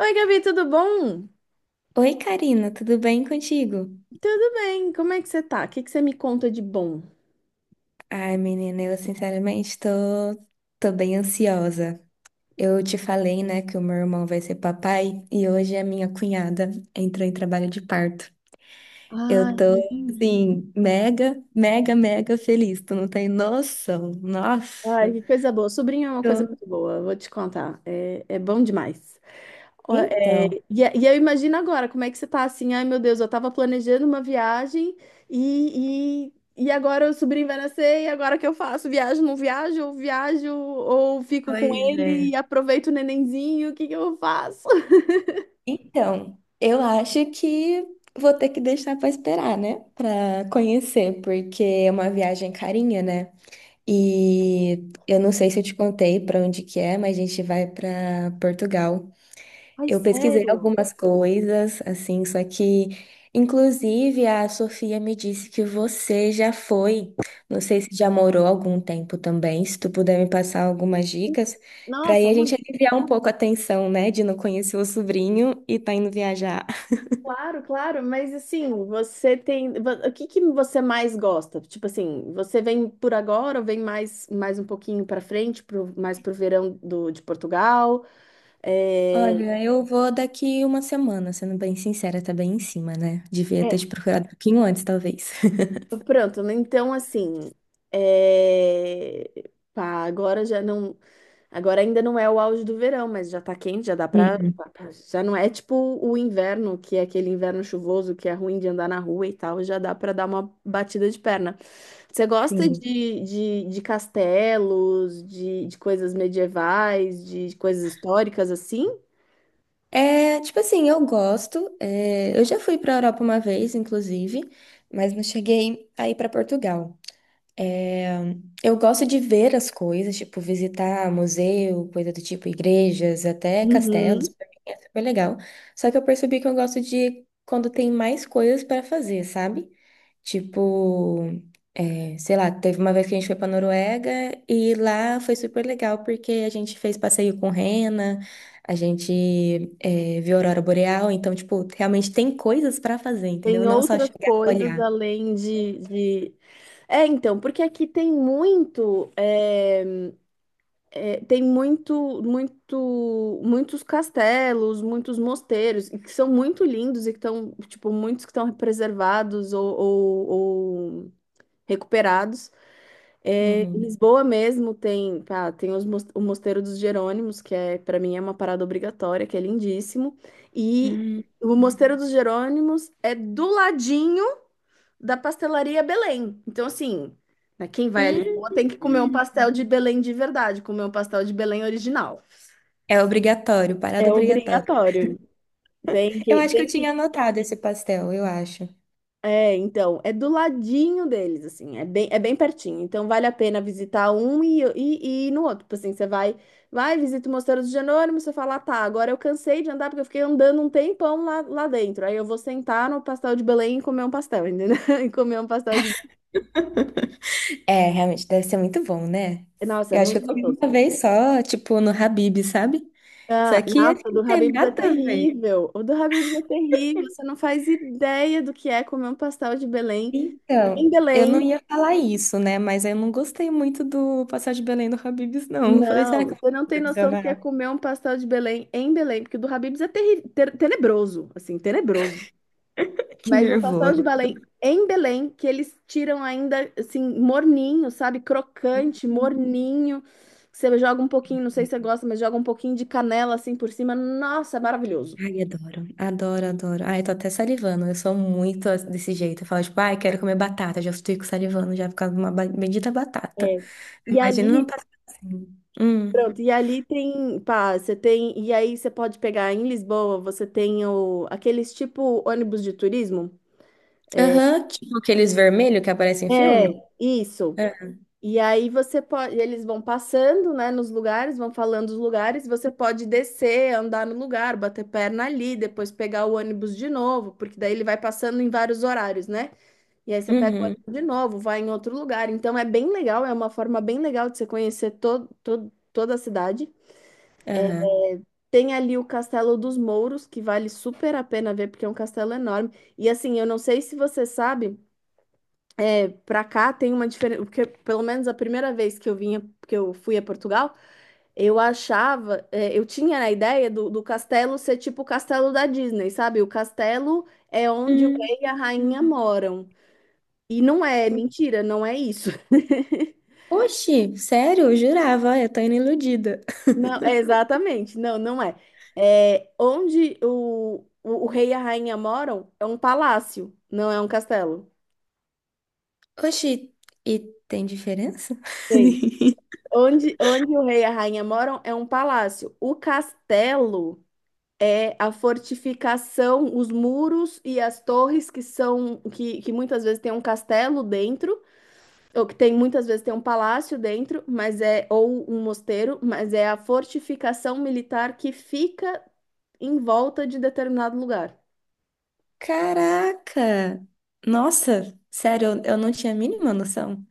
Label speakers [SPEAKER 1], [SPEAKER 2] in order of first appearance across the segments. [SPEAKER 1] Oi, Gabi, tudo bom?
[SPEAKER 2] Oi, Karina, tudo bem contigo?
[SPEAKER 1] Tudo bem, como é que você tá? O que que você me conta de bom?
[SPEAKER 2] Ai, menina, eu sinceramente tô bem ansiosa. Eu te falei, né, que o meu irmão vai ser papai e hoje a minha cunhada entrou em trabalho de parto. Eu
[SPEAKER 1] Ai,
[SPEAKER 2] tô,
[SPEAKER 1] menina.
[SPEAKER 2] assim, mega, mega, mega feliz. Tu não tem noção.
[SPEAKER 1] Ai,
[SPEAKER 2] Nossa.
[SPEAKER 1] que coisa boa. Sobrinho é uma coisa
[SPEAKER 2] Tô-
[SPEAKER 1] muito boa, vou te contar. É bom demais. Ó,
[SPEAKER 2] Então,
[SPEAKER 1] eu imagino agora como é que você tá assim. Ai, meu Deus, eu tava planejando uma viagem e, agora o sobrinho vai nascer e agora o que eu faço? Viajo, não viajo? Ou viajo ou fico com
[SPEAKER 2] Pois
[SPEAKER 1] ele
[SPEAKER 2] é.
[SPEAKER 1] e aproveito o nenenzinho? O que que eu faço?
[SPEAKER 2] Então, eu acho que vou ter que deixar pra esperar, né, pra conhecer, porque é uma viagem carinha, né? E eu não sei se eu te contei para onde que é, mas a gente vai para Portugal.
[SPEAKER 1] Ai,
[SPEAKER 2] Eu pesquisei
[SPEAKER 1] sério?
[SPEAKER 2] algumas coisas, assim, só que, inclusive, a Sofia me disse que você já foi. Não sei se já morou algum tempo também. Se tu puder me passar algumas dicas, para aí
[SPEAKER 1] Nossa,
[SPEAKER 2] a gente
[SPEAKER 1] muito
[SPEAKER 2] aliviar um pouco a tensão, né, de não conhecer o sobrinho e tá indo viajar.
[SPEAKER 1] Claro, claro, mas assim, o que que você mais gosta? Tipo assim, você vem por agora ou vem mais um pouquinho para frente, pro, mais pro verão do, de Portugal? É,
[SPEAKER 2] Olha, eu vou daqui uma semana, sendo bem sincera, tá bem em cima, né? Devia ter
[SPEAKER 1] é,
[SPEAKER 2] te procurado um pouquinho antes, talvez.
[SPEAKER 1] pronto, né? Então assim, é, pá, agora ainda não é o auge do verão, mas já tá quente, já dá pra.
[SPEAKER 2] Hum.
[SPEAKER 1] Já não é tipo o inverno, que é aquele inverno chuvoso que é ruim de andar na rua e tal, já dá pra dar uma batida de perna. Você gosta
[SPEAKER 2] Sim.
[SPEAKER 1] de castelos, de coisas medievais, de coisas históricas assim?
[SPEAKER 2] É, tipo assim, eu gosto. É, eu já fui pra Europa uma vez, inclusive, mas não cheguei aí ir pra Portugal. É, eu gosto de ver as coisas, tipo, visitar museu, coisa do tipo, igrejas, até castelos,
[SPEAKER 1] Uhum.
[SPEAKER 2] pra mim é super legal. Só que eu percebi que eu gosto de quando tem mais coisas para fazer, sabe? Tipo, é, sei lá, teve uma vez que a gente foi pra Noruega e lá foi super legal porque a gente fez passeio com rena, a gente é, viu a aurora boreal, então, tipo, realmente tem coisas para fazer, entendeu?
[SPEAKER 1] Tem
[SPEAKER 2] Não só
[SPEAKER 1] outras
[SPEAKER 2] chegar e
[SPEAKER 1] coisas
[SPEAKER 2] olhar.
[SPEAKER 1] além de... É, então, porque aqui tem muito. Tem muitos castelos, muitos mosteiros, e que são muito lindos e que estão, tipo, muitos que estão preservados ou recuperados. É, em
[SPEAKER 2] Uhum.
[SPEAKER 1] Lisboa mesmo tem, pá, o Mosteiro dos Jerônimos, que é, para mim é uma parada obrigatória, que é lindíssimo. E
[SPEAKER 2] Hum.
[SPEAKER 1] o Mosteiro dos Jerônimos é do ladinho da pastelaria Belém. Então, assim, né, quem vai a
[SPEAKER 2] Hum,
[SPEAKER 1] Lisboa tem que comer um
[SPEAKER 2] hum.
[SPEAKER 1] pastel de Belém de verdade, comer um pastel de Belém original.
[SPEAKER 2] É obrigatório,
[SPEAKER 1] É
[SPEAKER 2] parada obrigatória.
[SPEAKER 1] obrigatório. Tem
[SPEAKER 2] Eu
[SPEAKER 1] que,
[SPEAKER 2] acho que eu
[SPEAKER 1] tem que.
[SPEAKER 2] tinha anotado esse pastel, eu acho.
[SPEAKER 1] É, então, é do ladinho deles, assim, é bem pertinho. Então, vale a pena visitar um ir no outro. Tipo assim, você vai, visita o Mosteiro dos Jerônimos, você fala, "Ah, tá, agora eu cansei de andar porque eu fiquei andando um tempão lá dentro." Aí eu vou sentar no pastel de Belém e comer um pastel, entendeu? E comer um pastel de.
[SPEAKER 2] É, realmente, deve ser muito bom, né?
[SPEAKER 1] Nossa, é
[SPEAKER 2] Eu acho que
[SPEAKER 1] muito
[SPEAKER 2] eu comi
[SPEAKER 1] gostoso.
[SPEAKER 2] uma vez só, tipo, no Habib, sabe? Só
[SPEAKER 1] Ah,
[SPEAKER 2] que acho
[SPEAKER 1] nossa, o
[SPEAKER 2] que
[SPEAKER 1] do
[SPEAKER 2] não tem
[SPEAKER 1] Habib's é
[SPEAKER 2] nada a ver.
[SPEAKER 1] terrível. O do Habib's é terrível. Você não faz ideia do que é comer um pastel de Belém em
[SPEAKER 2] Então, eu não
[SPEAKER 1] Belém.
[SPEAKER 2] ia falar isso, né? Mas eu não gostei muito do pastel de Belém do Habib's, não. Eu falei, será
[SPEAKER 1] Não,
[SPEAKER 2] que eu vou
[SPEAKER 1] você não
[SPEAKER 2] me
[SPEAKER 1] tem noção do que é
[SPEAKER 2] decepcionar?
[SPEAKER 1] comer um pastel de Belém em Belém, porque o do Habib's é terrível, tenebroso, assim, tenebroso.
[SPEAKER 2] Que
[SPEAKER 1] Mas um pastel
[SPEAKER 2] nervoso.
[SPEAKER 1] de Belém em Belém, que eles tiram ainda, assim, morninho, sabe? Crocante, morninho. Você joga um pouquinho, não sei se você gosta, mas joga um pouquinho de canela, assim, por cima. Nossa, é maravilhoso.
[SPEAKER 2] Ai, adoro, adoro, adoro. Ai, tô até salivando. Eu sou muito desse jeito. Eu falo, tipo, ai, quero comer batata. Já fico salivando, já por causa de uma bendita batata.
[SPEAKER 1] É. E
[SPEAKER 2] Imagina não
[SPEAKER 1] ali
[SPEAKER 2] passar assim. Hum.
[SPEAKER 1] Pronto, e ali tem, pá, você tem, e aí você pode pegar em Lisboa, você tem o, aqueles tipo ônibus de turismo.
[SPEAKER 2] Aham, tipo aqueles vermelhos que aparecem em
[SPEAKER 1] É,
[SPEAKER 2] filme?
[SPEAKER 1] isso.
[SPEAKER 2] É.
[SPEAKER 1] E aí você pode, eles vão passando, né, nos lugares, vão falando os lugares, você pode descer, andar no lugar, bater perna ali, depois pegar o ônibus de novo, porque daí ele vai passando em vários horários, né? E aí você pega o
[SPEAKER 2] Uhum,
[SPEAKER 1] ônibus de novo, vai em outro lugar. Então é bem legal, é uma forma bem legal de você conhecer todo, toda a cidade.
[SPEAKER 2] aham.
[SPEAKER 1] Tem ali o Castelo dos Mouros, que vale super a pena ver, porque é um castelo enorme. E assim, eu não sei se você sabe, pra cá tem uma diferença, porque pelo menos a primeira vez que eu vinha, que eu fui a Portugal, eu achava, eu tinha a ideia do castelo ser tipo o castelo da Disney, sabe? O castelo é onde o
[SPEAKER 2] Hum,
[SPEAKER 1] rei e a rainha
[SPEAKER 2] hum.
[SPEAKER 1] moram. E não é, é mentira, não é isso.
[SPEAKER 2] Oxi, sério? Eu jurava, ai, eu tô indo iludida.
[SPEAKER 1] Não, é exatamente. Não, não é. É onde o rei e a rainha moram é um palácio, não é um castelo.
[SPEAKER 2] Oxi, e tem diferença?
[SPEAKER 1] Sim. Onde, onde o rei e a rainha moram é um palácio. O castelo é a fortificação, os muros e as torres que muitas vezes tem um castelo dentro, ou que tem muitas vezes tem um palácio dentro, mas é ou um mosteiro, mas é a fortificação militar que fica em volta de determinado lugar.
[SPEAKER 2] Caraca! Nossa, sério, eu não tinha a mínima noção.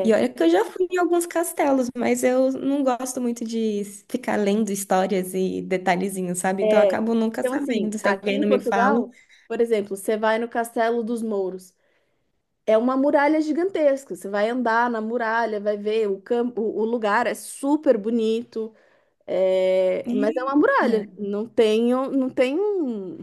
[SPEAKER 2] E olha que eu já fui em alguns castelos, mas eu não gosto muito de ficar lendo histórias e detalhezinhos, sabe? Então eu
[SPEAKER 1] é.
[SPEAKER 2] acabo nunca
[SPEAKER 1] Então,
[SPEAKER 2] sabendo,
[SPEAKER 1] assim,
[SPEAKER 2] se
[SPEAKER 1] aqui
[SPEAKER 2] alguém
[SPEAKER 1] em
[SPEAKER 2] não me fala.
[SPEAKER 1] Portugal, por exemplo, você vai no Castelo dos Mouros. É uma muralha gigantesca. Você vai andar na muralha, vai ver o campo, o lugar é super bonito. Mas é uma
[SPEAKER 2] Eita.
[SPEAKER 1] muralha. Não tem um.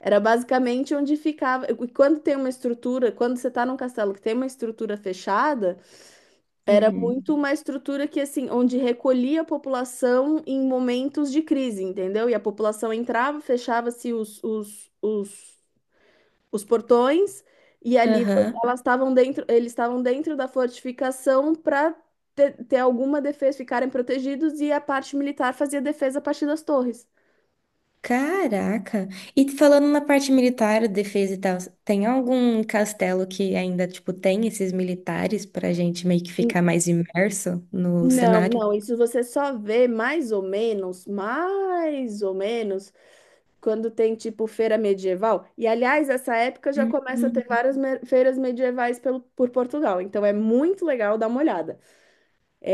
[SPEAKER 1] Era basicamente onde ficava. E quando tem uma estrutura, quando você está num castelo que tem uma estrutura fechada era
[SPEAKER 2] Uhum.
[SPEAKER 1] muito uma estrutura que, assim, onde recolhia a população em momentos de crise, entendeu? E a população entrava, fechava-se os portões, e ali
[SPEAKER 2] Aham.
[SPEAKER 1] elas estavam dentro, eles estavam dentro da fortificação para ter alguma defesa, ficarem protegidos, e a parte militar fazia defesa a partir das torres.
[SPEAKER 2] Caraca. E falando na parte militar, defesa e tal, tem algum castelo que ainda, tipo, tem esses militares pra gente meio que
[SPEAKER 1] N-
[SPEAKER 2] ficar mais imerso no
[SPEAKER 1] Não,
[SPEAKER 2] cenário?
[SPEAKER 1] não, isso você só vê mais ou menos, mais ou menos. Quando tem tipo feira medieval. E aliás, essa época já começa a ter
[SPEAKER 2] Uhum.
[SPEAKER 1] feiras medievais pelo, por Portugal. Então é muito legal dar uma olhada.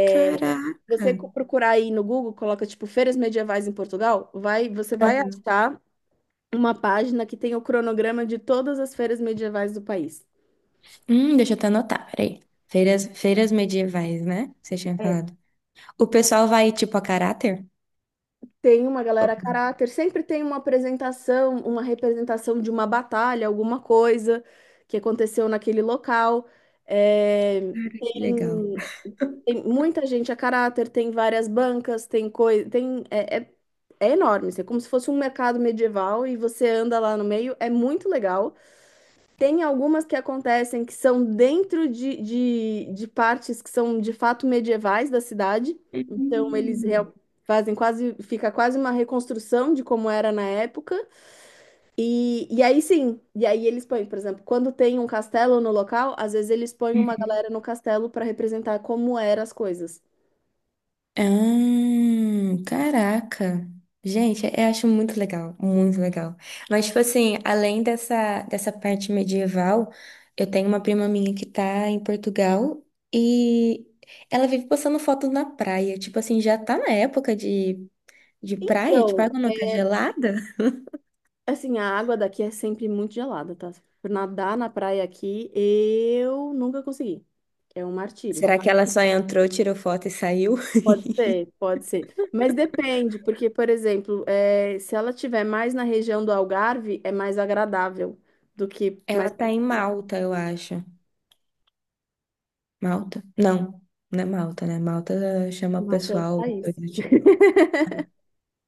[SPEAKER 2] Caraca.
[SPEAKER 1] Procurar aí no Google, coloca tipo feiras medievais em Portugal, vai, você vai achar uma página que tem o cronograma de todas as feiras medievais do país.
[SPEAKER 2] Deixa eu até anotar, peraí. Feiras medievais, né? Você tinha falado. O pessoal vai, tipo, a caráter?
[SPEAKER 1] Tem uma
[SPEAKER 2] Oh,
[SPEAKER 1] galera a caráter, sempre tem uma apresentação, uma representação de uma batalha, alguma coisa que aconteceu naquele local. É,
[SPEAKER 2] que legal.
[SPEAKER 1] tem, tem muita gente a caráter, tem várias bancas, tem coisa, tem, é enorme, assim, é como se fosse um mercado medieval e você anda lá no meio, é muito legal. Tem algumas que acontecem que são dentro de partes que são de fato medievais da cidade. Então eles
[SPEAKER 2] Hum.
[SPEAKER 1] real- fazem quase, fica quase uma reconstrução de como era na época. E aí eles põem, por exemplo, quando tem um castelo no local, às vezes eles põem uma
[SPEAKER 2] Uhum.
[SPEAKER 1] galera no castelo para representar como eram as coisas.
[SPEAKER 2] Ah, caraca. Gente, eu acho muito legal, muito legal. Mas, tipo assim, além dessa parte medieval, eu tenho uma prima minha que tá em Portugal e ela vive postando fotos na praia. Tipo assim, já tá na época de praia, tipo, a
[SPEAKER 1] Então,
[SPEAKER 2] água não tá gelada?
[SPEAKER 1] assim, a água daqui é sempre muito gelada, tá? Por Nadar na praia aqui, eu nunca consegui. É um martírio.
[SPEAKER 2] Será que ela só entrou, tirou foto e saiu?
[SPEAKER 1] Pode ser, pode ser. Mas depende, porque, por exemplo, se ela tiver mais na região do Algarve, é mais agradável do que
[SPEAKER 2] Ela
[SPEAKER 1] mais
[SPEAKER 2] tá em Malta, eu acho. Malta? Não, não é Malta, né? Malta chama o
[SPEAKER 1] Malta é outro
[SPEAKER 2] pessoal,
[SPEAKER 1] país.
[SPEAKER 2] coisa do tipo.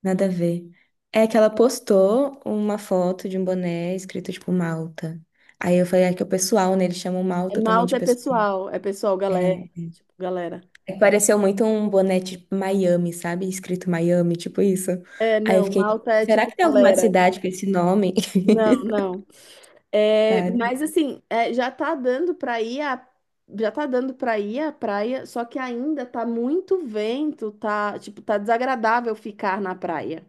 [SPEAKER 2] Nada a ver. É que ela postou uma foto de um boné escrito tipo Malta. Aí eu falei, é que é o pessoal, né? Eles chamam
[SPEAKER 1] É,
[SPEAKER 2] Malta também de
[SPEAKER 1] Malta
[SPEAKER 2] pessoal.
[SPEAKER 1] é pessoal, galera.
[SPEAKER 2] É,
[SPEAKER 1] Tipo, galera.
[SPEAKER 2] é que pareceu muito um boné tipo Miami, sabe? Escrito Miami, tipo isso.
[SPEAKER 1] É,
[SPEAKER 2] Aí eu
[SPEAKER 1] não,
[SPEAKER 2] fiquei,
[SPEAKER 1] Malta é
[SPEAKER 2] será
[SPEAKER 1] tipo
[SPEAKER 2] que tem alguma
[SPEAKER 1] galera.
[SPEAKER 2] cidade com esse nome?
[SPEAKER 1] Não, não. É,
[SPEAKER 2] Tá.
[SPEAKER 1] mas assim, já tá dando pra ir a, já tá dando para ir à praia, só que ainda tá muito vento, tá, tipo, tá desagradável ficar na praia.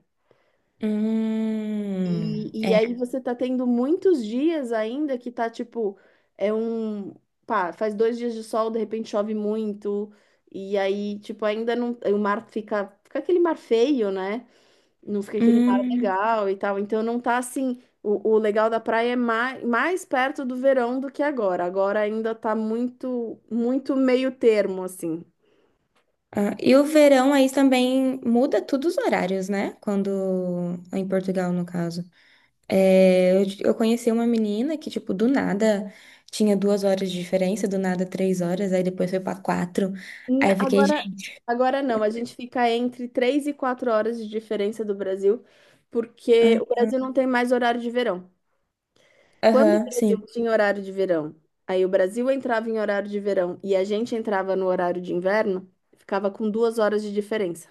[SPEAKER 1] E aí
[SPEAKER 2] É.
[SPEAKER 1] você tá tendo muitos dias ainda que tá tipo, é um, pá, faz 2 dias de sol, de repente chove muito, e aí, tipo, ainda não, o mar fica, fica aquele mar feio, né? Não fica aquele mar
[SPEAKER 2] Hum.
[SPEAKER 1] legal e tal. Então não tá assim, o legal da praia é mais, perto do verão do que agora. Agora ainda tá muito meio termo, assim.
[SPEAKER 2] Ah, e o verão aí também muda tudo os horários, né? Quando em Portugal, no caso. É, eu conheci uma menina que, tipo, do nada tinha 2 horas de diferença, do nada 3 horas, aí depois foi pra 4. Aí
[SPEAKER 1] N-
[SPEAKER 2] eu fiquei,
[SPEAKER 1] Agora,
[SPEAKER 2] gente.
[SPEAKER 1] agora não, a gente fica entre 3 e 4 horas de diferença do Brasil, porque o
[SPEAKER 2] Ah,
[SPEAKER 1] Brasil não tem mais horário de verão. Quando o
[SPEAKER 2] aham,
[SPEAKER 1] Brasil
[SPEAKER 2] sim.
[SPEAKER 1] tinha horário de verão, aí o Brasil entrava em horário de verão e a gente entrava no horário de inverno, ficava com 2 horas de diferença.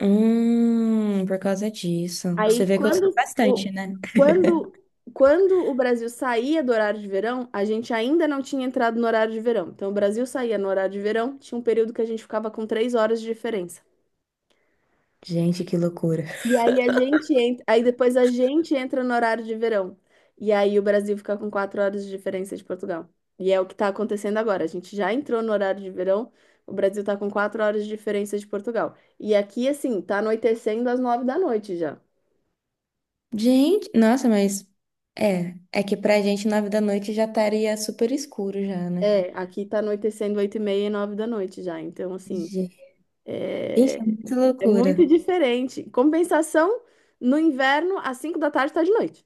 [SPEAKER 2] Por causa disso. Você
[SPEAKER 1] Aí
[SPEAKER 2] vê que eu sou
[SPEAKER 1] quando o,
[SPEAKER 2] bastante, né?
[SPEAKER 1] quando, quando o Brasil saía do horário de verão, a gente ainda não tinha entrado no horário de verão. Então o Brasil saía no horário de verão, tinha um período que a gente ficava com 3 horas de diferença.
[SPEAKER 2] Gente, que loucura.
[SPEAKER 1] E aí a gente entra, aí depois a gente entra no horário de verão. E aí o Brasil fica com 4 horas de diferença de Portugal. E é o que está acontecendo agora. A gente já entrou no horário de verão, o Brasil está com 4 horas de diferença de Portugal. E aqui, assim, tá anoitecendo às 9 da noite já.
[SPEAKER 2] Gente, nossa, mas é que pra gente 9 da noite já estaria super escuro já, né?
[SPEAKER 1] É, aqui tá anoitecendo 8h30 e 9 da noite já. Então, assim,
[SPEAKER 2] Gente, é
[SPEAKER 1] é,
[SPEAKER 2] muito
[SPEAKER 1] é muito
[SPEAKER 2] loucura.
[SPEAKER 1] diferente. Compensação, no inverno, às 5 da tarde tá de noite.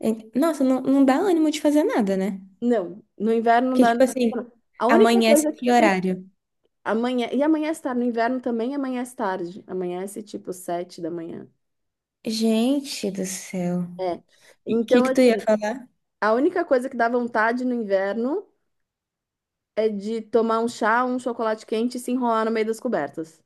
[SPEAKER 2] É- nossa, não, não dá ânimo de fazer nada, né?
[SPEAKER 1] Não, no inverno não
[SPEAKER 2] Porque,
[SPEAKER 1] dá.
[SPEAKER 2] tipo assim,
[SPEAKER 1] A única
[SPEAKER 2] amanhece
[SPEAKER 1] coisa que
[SPEAKER 2] que
[SPEAKER 1] você.
[SPEAKER 2] horário?
[SPEAKER 1] Amanhã, e amanhece tarde, no inverno também amanhece tarde. Amanhece tipo 7 da manhã.
[SPEAKER 2] Gente do céu.
[SPEAKER 1] É.
[SPEAKER 2] O que
[SPEAKER 1] Então,
[SPEAKER 2] que tu ia
[SPEAKER 1] assim,
[SPEAKER 2] falar?
[SPEAKER 1] a única coisa que dá vontade no inverno é de tomar um chá, um chocolate quente e se enrolar no meio das cobertas.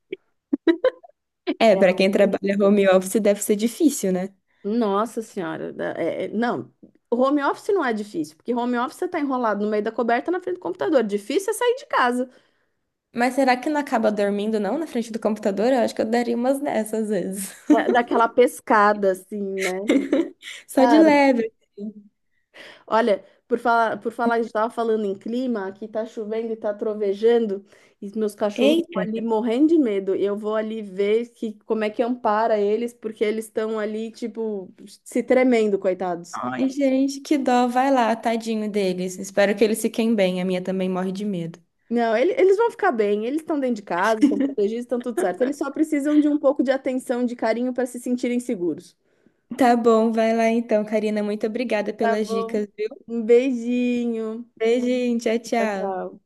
[SPEAKER 2] É,
[SPEAKER 1] É. A
[SPEAKER 2] pra quem
[SPEAKER 1] única
[SPEAKER 2] trabalha
[SPEAKER 1] coisa.
[SPEAKER 2] home office deve ser difícil, né?
[SPEAKER 1] Nossa senhora, não, o home office não é difícil, porque home office você tá enrolado no meio da coberta na frente do computador. Difícil é sair de casa.
[SPEAKER 2] Mas será que não acaba dormindo, não, na frente do computador? Eu acho que eu daria umas dessas às vezes.
[SPEAKER 1] É, daquela pescada assim, né?
[SPEAKER 2] Só de
[SPEAKER 1] Cara,
[SPEAKER 2] leve.
[SPEAKER 1] olha, por falar, a gente estava falando em clima, aqui tá chovendo e tá trovejando, e os meus cachorros estão
[SPEAKER 2] Eita.
[SPEAKER 1] ali morrendo de medo. Eu vou ali ver como é que ampara eles, porque eles estão ali, tipo, se tremendo, coitados.
[SPEAKER 2] Ai, gente, que dó. Vai lá, tadinho deles. Espero que eles fiquem bem. A minha também morre de medo.
[SPEAKER 1] Não, eles vão ficar bem, eles estão dentro de casa, estão protegidos, estão tudo certo. Eles só precisam de um pouco de atenção, de carinho para se sentirem seguros.
[SPEAKER 2] Tá bom, vai lá então, Karina. Muito obrigada
[SPEAKER 1] Tá
[SPEAKER 2] pelas
[SPEAKER 1] bom.
[SPEAKER 2] dicas.
[SPEAKER 1] Um beijinho.
[SPEAKER 2] Beijinho, tchau,
[SPEAKER 1] Tchau,
[SPEAKER 2] tchau.
[SPEAKER 1] tchau.